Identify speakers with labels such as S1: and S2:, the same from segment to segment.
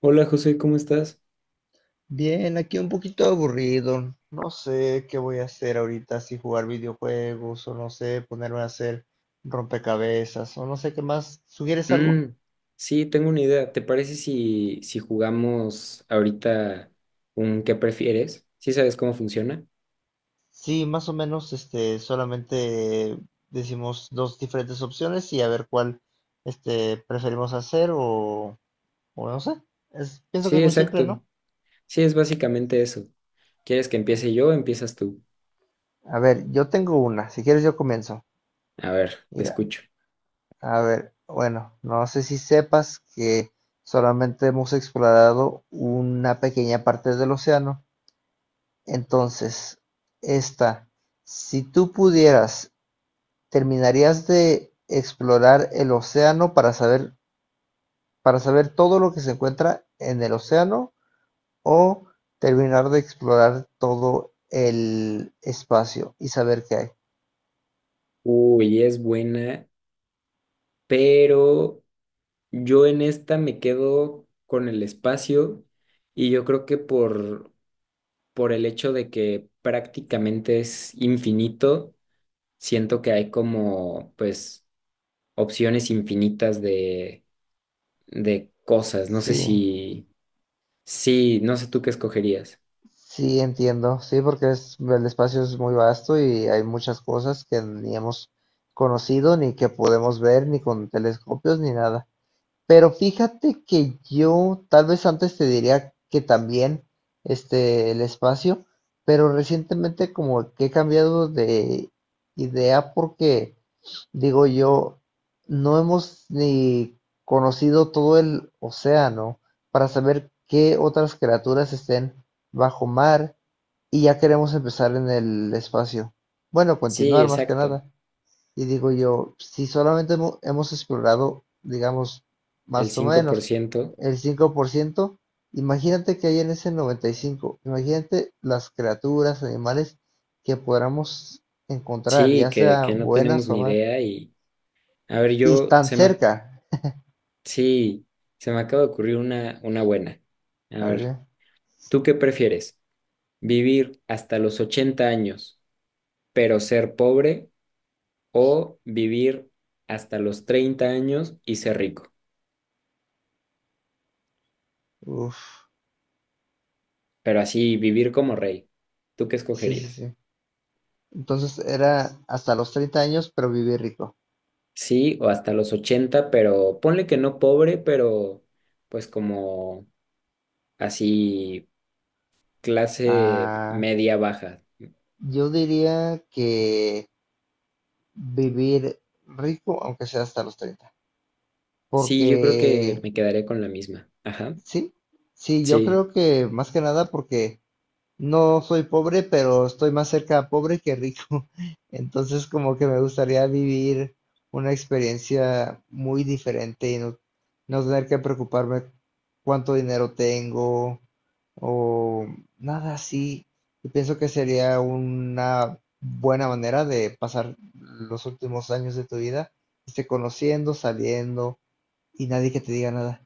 S1: Hola José, ¿cómo estás?
S2: Bien, aquí un poquito aburrido. No sé qué voy a hacer ahorita, si jugar videojuegos o no sé, ponerme a hacer rompecabezas o no sé qué más. ¿Sugieres algo?
S1: Mm, sí, tengo una idea. ¿Te parece si jugamos ahorita un qué prefieres? ¿Sí sabes cómo funciona?
S2: Sí, más o menos, solamente decimos dos diferentes opciones y a ver cuál, preferimos hacer o no sé. Pienso que
S1: Sí,
S2: es muy simple,
S1: exacto.
S2: ¿no?
S1: Sí, es básicamente eso. ¿Quieres que
S2: Bueno,
S1: empiece yo o empiezas tú?
S2: a ver, yo tengo una. Si quieres, yo comienzo.
S1: A ver, te
S2: Mira,
S1: escucho.
S2: a ver, bueno, no sé si sepas que solamente hemos explorado una pequeña parte del océano. Entonces, esta, si tú pudieras, ¿terminarías de explorar el océano para saber todo lo que se encuentra en el océano o terminar de explorar todo el espacio y saber qué hay?
S1: Uy, es buena, pero yo en esta me quedo con el espacio y yo creo que por el hecho de que prácticamente es infinito, siento que hay como, pues opciones infinitas de cosas. No sé
S2: Sí.
S1: si, sí, no sé tú qué escogerías.
S2: Sí, entiendo. Sí, porque el espacio es muy vasto y hay muchas cosas que ni hemos conocido, ni que podemos ver, ni con telescopios, ni nada. Pero fíjate que yo tal vez antes te diría que también el espacio, pero recientemente como que he cambiado de idea porque, digo yo, no hemos ni conocido todo el océano para saber qué otras criaturas estén bajo mar y ya queremos empezar en el espacio. Bueno,
S1: Sí,
S2: continuar más que
S1: exacto,
S2: nada. Y digo yo, si solamente hemos explorado, digamos,
S1: el
S2: más o
S1: cinco por
S2: menos
S1: ciento
S2: el 5%, imagínate que hay en ese 95%, imagínate las criaturas, animales que podamos encontrar,
S1: Sí,
S2: ya
S1: que,
S2: sea
S1: que no tenemos
S2: buenas o
S1: ni
S2: malas.
S1: idea y, a ver,
S2: Y tan cerca.
S1: sí, se me acaba de ocurrir una buena. A
S2: A
S1: ver,
S2: ver,
S1: ¿tú qué prefieres? ¿Vivir hasta los 80 años, pero ser pobre, o vivir hasta los 30 años y ser rico?
S2: uf,
S1: Pero así, vivir como rey. ¿Tú qué
S2: sí, sí,
S1: escogerías?
S2: sí. Entonces era hasta los 30 años, pero viví rico.
S1: Sí, o hasta los 80, pero ponle que no pobre, pero pues como así clase
S2: Ah,
S1: media baja.
S2: yo diría que vivir rico, aunque sea hasta los 30.
S1: Sí, yo creo que
S2: Porque,
S1: me quedaré con la misma. Ajá.
S2: sí, sí, yo
S1: Sí,
S2: creo que más que nada porque no soy pobre, pero estoy más cerca de pobre que rico. Entonces, como que me gustaría vivir una experiencia muy diferente y no, no tener que preocuparme cuánto dinero tengo o nada así. Y pienso que sería una buena manera de pasar los últimos años de tu vida, conociendo, saliendo y nadie que te diga nada.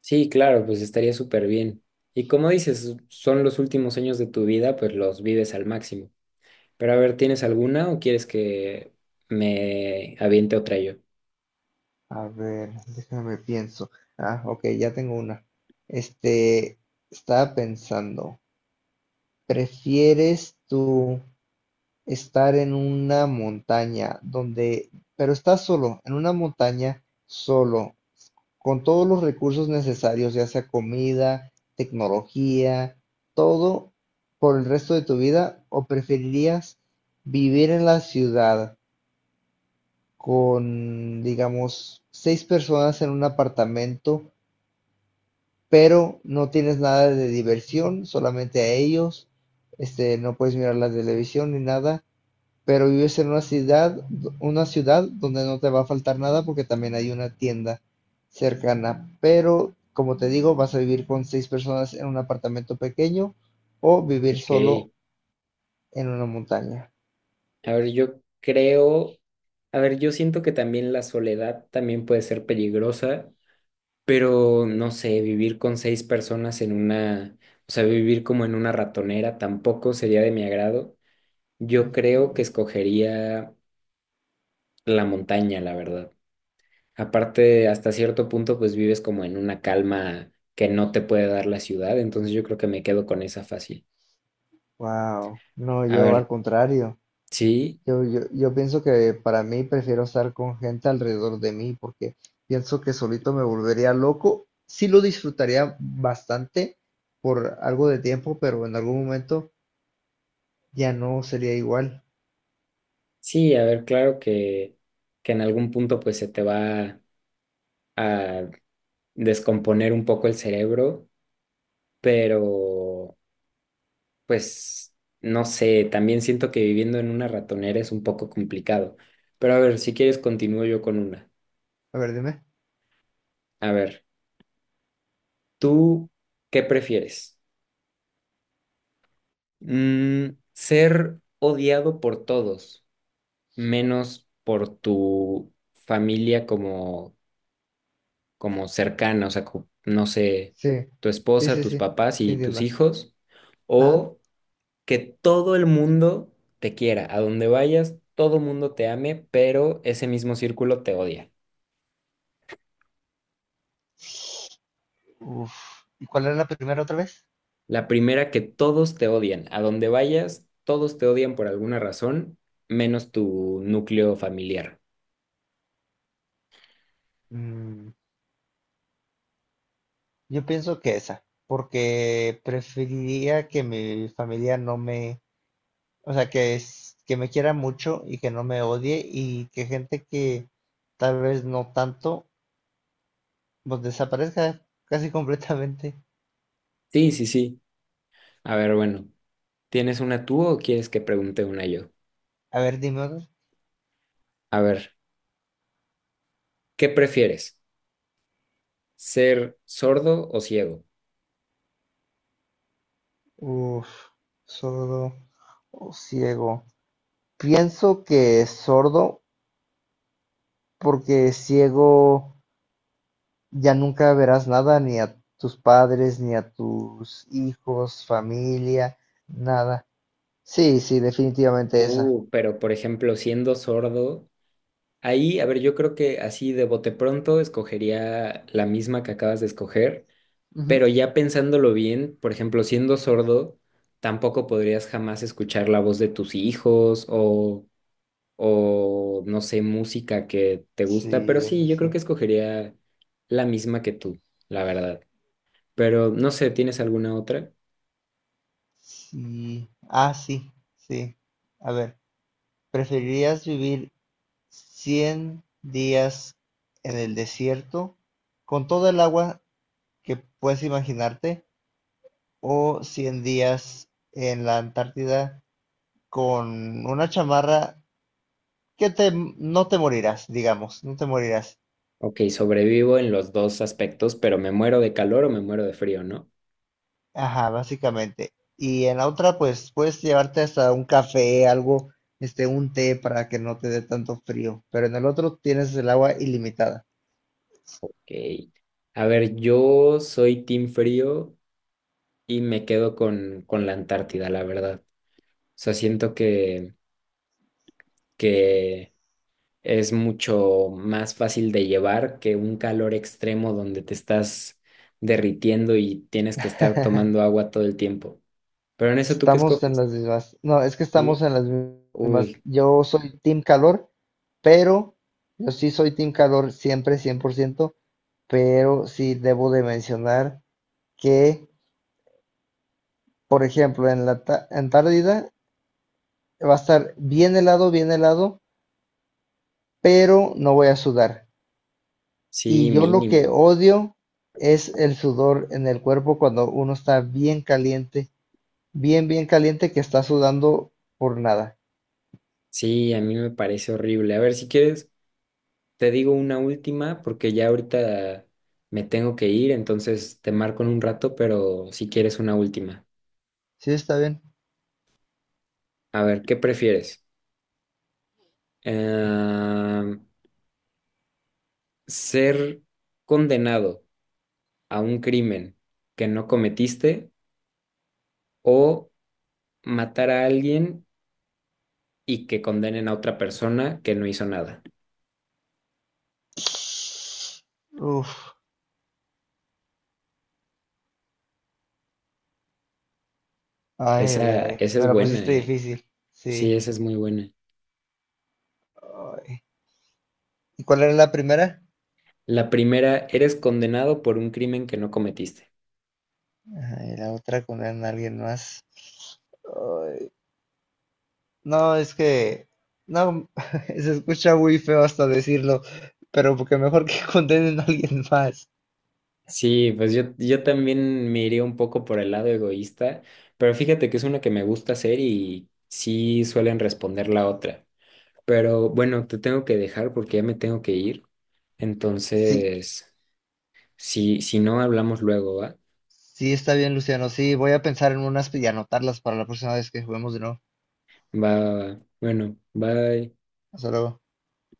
S1: sí, claro, pues estaría súper bien. Y como dices, son los últimos años de tu vida, pues los vives al máximo. Pero a ver, ¿tienes alguna o quieres que me aviente otra yo?
S2: A ver, déjame pienso. Ah, ok, ya tengo una. Este, Estaba pensando, ¿prefieres tú estar en una montaña donde, pero estás solo, en una montaña solo, con todos los recursos necesarios, ya sea comida, tecnología, todo por el resto de tu vida, o preferirías vivir en la ciudad con, digamos, seis personas en un apartamento? Pero no tienes nada de diversión, solamente a ellos, no puedes mirar la televisión ni nada, pero vives en una ciudad donde no te va a faltar nada porque también hay una tienda cercana, pero como te digo, vas a vivir con seis personas en un apartamento pequeño o vivir solo
S1: Ok.
S2: en una montaña.
S1: A ver, yo creo, a ver, yo siento que también la soledad también puede ser peligrosa, pero no sé, vivir con 6 personas en una, o sea, vivir como en una ratonera tampoco sería de mi agrado. Yo creo que escogería la montaña, la verdad. Aparte, hasta cierto punto, pues vives como en una calma que no te puede dar la ciudad, entonces yo creo que me quedo con esa fácil.
S2: Wow, no,
S1: A
S2: yo al
S1: ver,
S2: contrario.
S1: sí,
S2: Yo pienso que para mí prefiero estar con gente alrededor de mí porque pienso que solito me volvería loco. Sí lo disfrutaría bastante por algo de tiempo, pero en algún momento ya no sería igual.
S1: sí, a ver, claro que en algún punto pues se te va a descomponer un poco el cerebro, pero... Pues no sé, también siento que viviendo en una ratonera es un poco complicado. Pero a ver, si quieres continúo yo con una.
S2: A ver, dime.
S1: A ver, ¿tú qué prefieres? ¿Mm, ser odiado por todos, menos por tu familia como cercana, o sea, no sé,
S2: Sí,
S1: tu
S2: sí,
S1: esposa,
S2: sí,
S1: tus
S2: sí,
S1: papás
S2: sí,
S1: y tus
S2: entiendo.
S1: hijos?
S2: Ajá.
S1: ¿O que todo el mundo te quiera, a donde vayas, todo el mundo te ame, pero ese mismo círculo te odia?
S2: Uf. ¿Y cuál era la primera otra vez?
S1: La primera, que todos te odian, a donde vayas, todos te odian por alguna razón, menos tu núcleo familiar.
S2: Mm, Yo pienso que esa, porque preferiría que mi familia no me. O sea, que que me quiera mucho y que no me odie, y que gente que tal vez no tanto, pues desaparezca casi completamente.
S1: Sí, sí, sí. A ver, bueno, ¿tienes una tú o quieres que pregunte una yo?
S2: A ver, dime otro.
S1: A ver, ¿qué prefieres? ¿Ser sordo o ciego?
S2: Uf, sordo o ciego. Pienso que sordo porque ciego ya nunca verás nada, ni a tus padres, ni a tus hijos, familia, nada. Sí, sí, definitivamente esa.
S1: Pero por ejemplo, siendo sordo... Ahí, a ver, yo creo que así de bote pronto escogería la misma que acabas de escoger,
S2: Ujú.
S1: pero ya pensándolo bien, por ejemplo, siendo sordo, tampoco podrías jamás escuchar la voz de tus hijos o no sé, música que te gusta, pero
S2: Sí,
S1: sí,
S2: eso
S1: yo creo
S2: sí.
S1: que escogería la misma que tú, la verdad. Pero no sé, ¿tienes alguna otra?
S2: Sí. Ah, sí, sí. A ver, ¿preferirías vivir 100 días en el desierto con todo el agua que puedes imaginarte o 100 días en la Antártida con una chamarra que no te morirás, digamos, no te morirás?
S1: Ok, sobrevivo en los dos aspectos, pero me muero de calor o me muero de frío, ¿no?
S2: Ajá, básicamente. Y en la otra, pues puedes llevarte hasta un café, algo, un té para que no te dé tanto frío, pero en el otro tienes el agua ilimitada.
S1: Ok. A ver, yo soy team frío y me quedo con, la Antártida, la verdad. O sea, siento que es mucho más fácil de llevar que un calor extremo donde te estás derritiendo y tienes que estar tomando agua todo el tiempo. Pero en eso tú qué
S2: Estamos en
S1: escoges,
S2: las mismas. No, es que estamos
S1: ¿sí?
S2: en las mismas.
S1: Uy,
S2: Yo soy Team Calor, pero yo sí soy Team Calor siempre, 100%, pero sí debo de mencionar que, por ejemplo, en la Antártida va a estar bien helado, pero no voy a sudar.
S1: sí,
S2: Y yo lo que
S1: mínimo.
S2: odio es el sudor en el cuerpo cuando uno está bien caliente, bien, bien caliente que está sudando por nada.
S1: Sí, a mí me parece horrible. A ver, si quieres, te digo una última porque ya ahorita me tengo que ir, entonces te marco en un rato, pero si quieres una última.
S2: ¿Sí está bien?
S1: A ver, ¿qué prefieres? eh, Ser condenado a un crimen que no cometiste, o matar a alguien y que condenen a otra persona que no hizo nada.
S2: Uf, ay, ay,
S1: Esa,
S2: ay,
S1: esa
S2: me
S1: es
S2: la
S1: buena,
S2: pusiste
S1: ¿eh?
S2: difícil,
S1: Sí,
S2: sí.
S1: esa es muy buena.
S2: Ay. ¿Y cuál era la primera?
S1: La primera, eres condenado por un crimen que no cometiste.
S2: Ajá, y la otra con alguien más. Ay, no, es que, no, se escucha muy feo hasta decirlo, pero porque mejor que condenen a alguien más.
S1: Sí, pues yo también me iría un poco por el lado egoísta, pero fíjate que es una que me gusta hacer y sí suelen responder la otra. Pero bueno, te tengo que dejar porque ya me tengo que ir.
S2: Sí,
S1: Entonces, si no hablamos luego, ¿va?
S2: sí, está bien, Luciano, sí, voy a pensar en unas y anotarlas para la próxima vez que juguemos de nuevo.
S1: Va, va, va. Bueno, bye.
S2: Hasta luego.